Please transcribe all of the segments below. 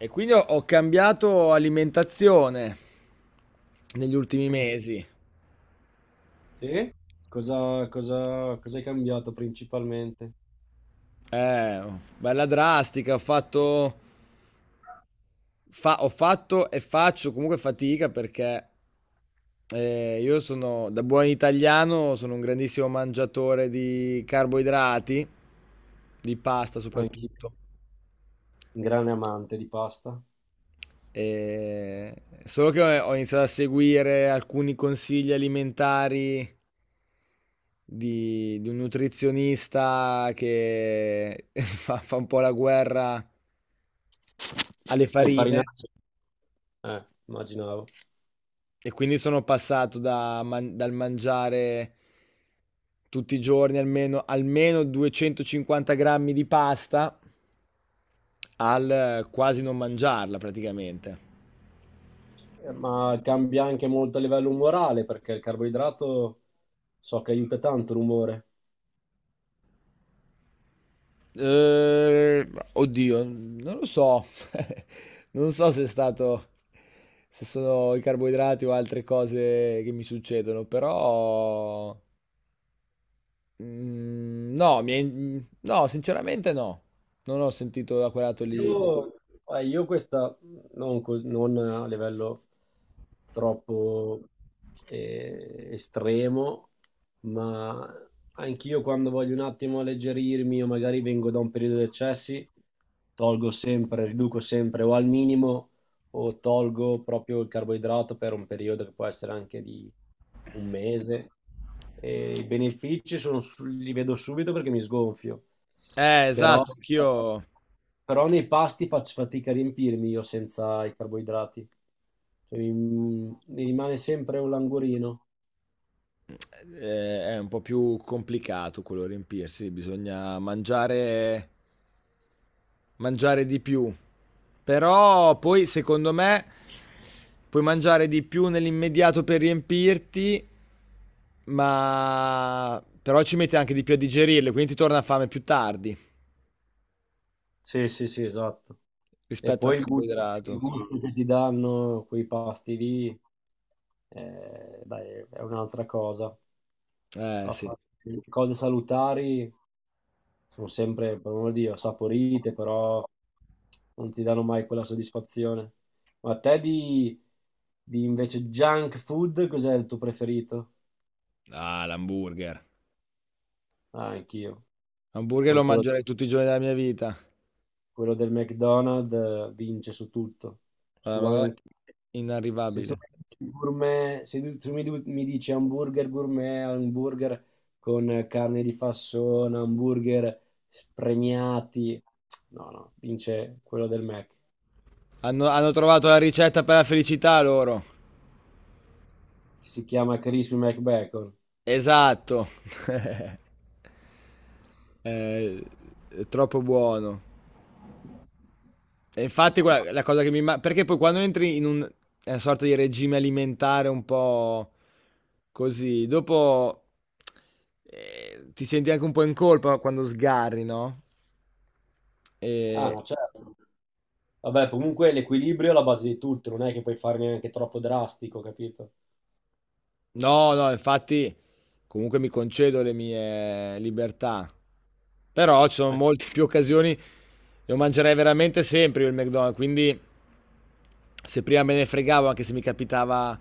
E quindi ho cambiato alimentazione negli ultimi Mm. mesi. Sì? Cosa hai cambiato principalmente? Eh, bella drastica, ho fatto, ho fatto e faccio comunque fatica perché io sono, da buon italiano, sono un grandissimo mangiatore di carboidrati, di pasta Anche soprattutto. un grande amante di pasta. E- Solo che ho iniziato a seguire alcuni consigli alimentari di un nutrizionista che fa un po' la guerra alle Hai farine, farinato? Immaginavo. e quindi sono passato dal mangiare tutti i giorni almeno 250 grammi di pasta al quasi non mangiarla praticamente. Ma cambia anche molto a livello umorale, perché il carboidrato so che aiuta tanto l'umore. Eh, oddio, non lo so. Non so se è stato, se sono i carboidrati o altre cose che mi succedono, però mm, no, no, sinceramente no. Non ho sentito da quel lato lì. Io, io questa non a livello troppo estremo, ma anch'io quando voglio un attimo alleggerirmi o magari vengo da un periodo di eccessi, tolgo sempre, riduco sempre o al minimo o tolgo proprio il carboidrato per un periodo che può essere anche di un mese. E i benefici sono li vedo subito perché mi sgonfio, però, Esatto, anch'io. però nei pasti faccio fatica a riempirmi io senza i carboidrati. Cioè, mi rimane sempre un languorino. È un po' più complicato quello riempirsi, bisogna mangiare di più. Però poi, secondo me, puoi mangiare di più nell'immediato per riempirti, ma però ci metti anche di più a digerirle, quindi ti torna fame più tardi Sì, sì, sì, esatto. E rispetto al poi il gusto, il carboidrato. gusto che ti danno quei pasti lì, dai, è un'altra cosa. Eh A fare sì. cose salutari sono sempre, per amor di Dio, saporite, però non ti danno mai quella soddisfazione. Ma a te di invece junk food, cos'è il tuo preferito? Ah, l'hamburger. Ah, anch'io. L'hamburger Poi lo quello, mangerei tutti i giorni della mia vita. quello del McDonald's vince su tutto, Guarda, su una cosa anche. Se tu, inarrivabile. mi dici gourmet- se tu- Mi dici hamburger gourmet, hamburger con carne di fassona, hamburger spremiati, no, no, vince quello del Mac, Hanno trovato la ricetta per la felicità loro. che si chiama Crispy McBacon. Esatto. Eh, è troppo buono. E infatti, guarda, la cosa che mi... Perché poi quando entri in una sorta di regime alimentare un po' così, dopo ti senti anche un po' in colpa quando sgarri, no? Ah, E... no, certo. Vabbè, comunque l'equilibrio è la base di tutto, non è che puoi fare neanche troppo drastico, capito? No, no, infatti comunque mi concedo le mie libertà. Però ci sono molte più occasioni, lo mangerei veramente sempre io il McDonald's, quindi se prima me ne fregavo anche se mi capitava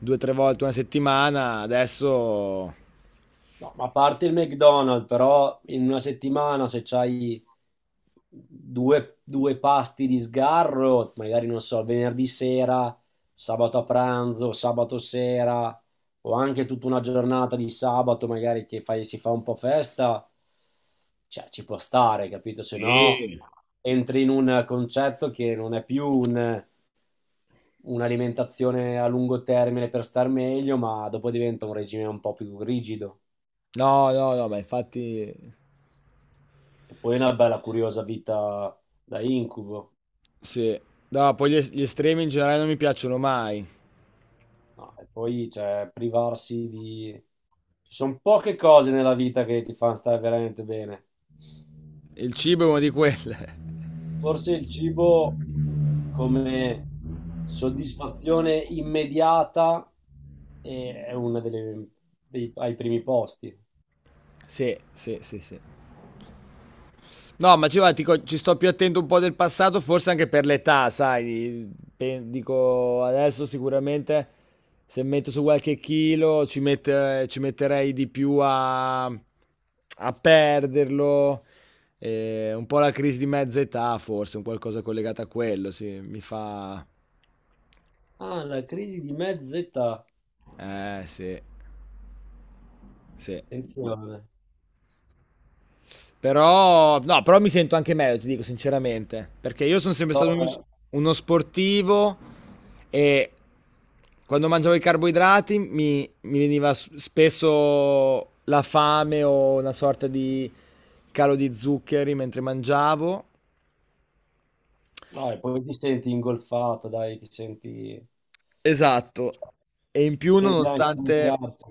due o tre volte una settimana, adesso... No, ma a parte il McDonald's, però in una settimana se c'hai due pasti di sgarro, magari non so, venerdì sera, sabato a pranzo, sabato sera, o anche tutta una giornata di sabato, magari si fa un po' festa, cioè ci può stare, capito? Se no Sì. entri in un concetto che non è più un'alimentazione a lungo termine per star meglio, ma dopo diventa un regime un po' più rigido. No, no, no, ma infatti E poi una bella curiosa vita da incubo. sì. No, poi gli estremi in generale non mi piacciono mai. No, e poi, cioè, privarsi di. Ci sono poche cose nella vita che ti fanno stare veramente bene. Il cibo è uno di quelle. Forse il cibo come soddisfazione immediata è ai primi posti. Sì, sì, sì, sì. No, ma dico, ci sto più attento un po' del passato, forse anche per l'età, sai. Dico, adesso sicuramente se metto su qualche chilo ci metterei di più a perderlo. Un po' la crisi di mezza età, forse, un qualcosa collegato a quello, sì, mi fa... Ah, la crisi di mezza età. Sì, sì. Attenzione. Però, no, però mi sento anche meglio, ti dico sinceramente, perché io sono sempre No, stato uno, uno sportivo e quando mangiavo i carboidrati mi veniva spesso la fame o una sorta di calo di zuccheri mentre mangiavo. no, e poi ti senti ingolfato, dai, ti senti. Esatto. E in più Te bianchi in nonostante, piatto.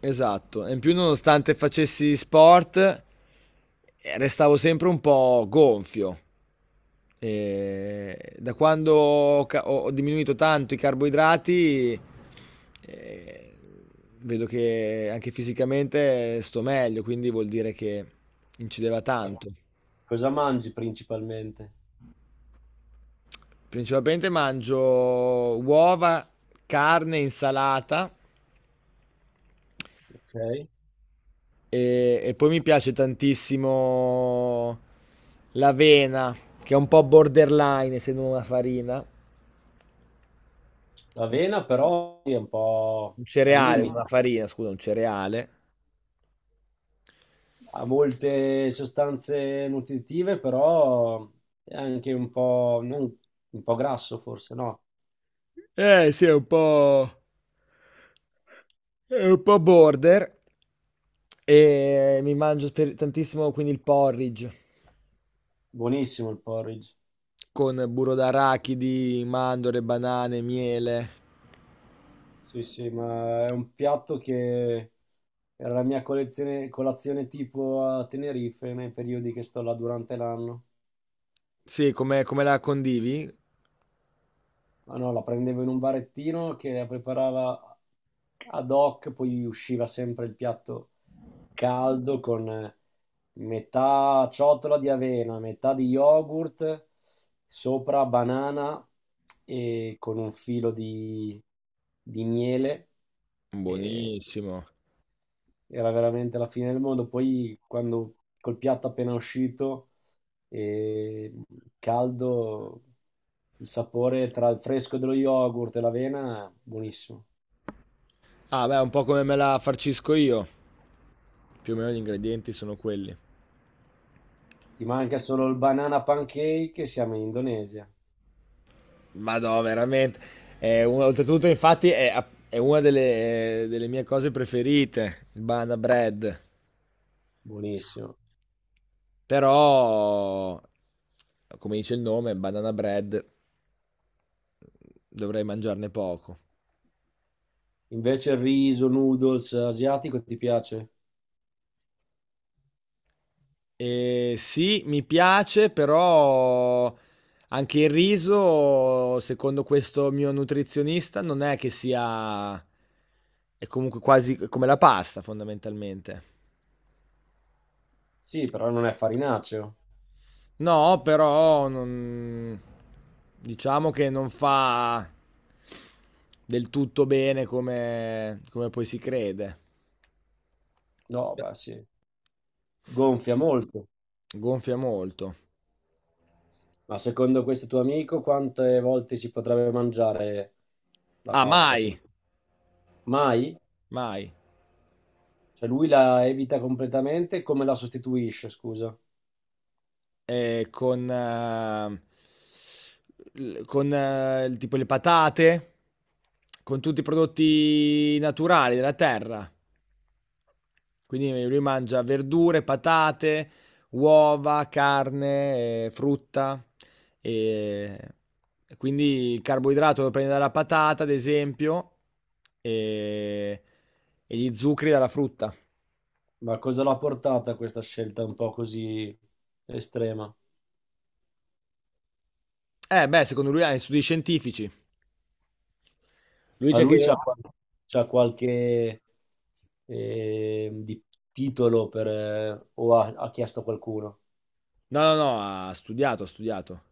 esatto, e in più nonostante facessi sport, restavo sempre un po' gonfio. E da quando ho diminuito tanto i carboidrati, eh, vedo che anche fisicamente sto meglio, quindi vuol dire che incideva tanto. Cosa mangi principalmente? Principalmente mangio uova, carne, insalata Ok. e poi mi piace tantissimo l'avena, che è un po' borderline, essendo una farina, L'avena però sì, è un po' un al cereale, limite, una farina, scusa, un cereale. ha molte sostanze nutritive, però è anche un po' grasso forse, no? Sì, è un po' border. E mi mangio tantissimo quindi il porridge Buonissimo il porridge. con burro d'arachidi, mandorle, banane, miele. Sì, sì, ma è un piatto che era la mia colazione tipo a Tenerife nei periodi che sto là durante l'anno. Sì, come la condivi? Ma no, la prendevo in un barettino che la preparava ad hoc, poi usciva sempre il piatto caldo con metà ciotola di avena, metà di yogurt, sopra banana e con un filo di miele. E Buonissimo. era veramente la fine del mondo. Poi quando col piatto appena uscito e caldo, il sapore tra il fresco dello yogurt e l'avena, buonissimo. Ah, beh, un po' come me la farcisco io. Più o meno gli ingredienti sono quelli. Ti manca solo il banana pancake e siamo in Indonesia, Ma no, veramente. È oltretutto, infatti, è una delle mie cose preferite, il banana bread. buonissimo. Però, come dice il nome, banana bread, dovrei mangiarne poco. Invece il riso, noodles asiatico ti piace? E sì, mi piace, però anche il riso, secondo questo mio nutrizionista, non è che sia... è comunque quasi come la pasta, fondamentalmente. Sì, però non è farinaceo. No, però non... diciamo che non fa del tutto bene come, come poi si crede. No, beh, sì. Gonfia molto. Gonfia molto. Ma secondo questo tuo amico, quante volte si potrebbe mangiare la Ah, pasta? Mai, Mai? mai. Cioè lui la evita completamente, come la sostituisce, scusa? Eh, con, eh, con tipo le patate, con tutti i prodotti naturali della terra. Quindi lui mangia verdure, patate, uova, carne, frutta. E e quindi il carboidrato lo prende dalla patata, ad esempio, e, e gli zuccheri dalla frutta. Ma cosa l'ha portata a questa scelta un po' così estrema? Beh, secondo lui ha gli studi scientifici. Lui Ma dice lui che... c'ha qualche eh, di- titolo per, o ha chiesto a qualcuno? No, no, no, ha studiato, ha studiato.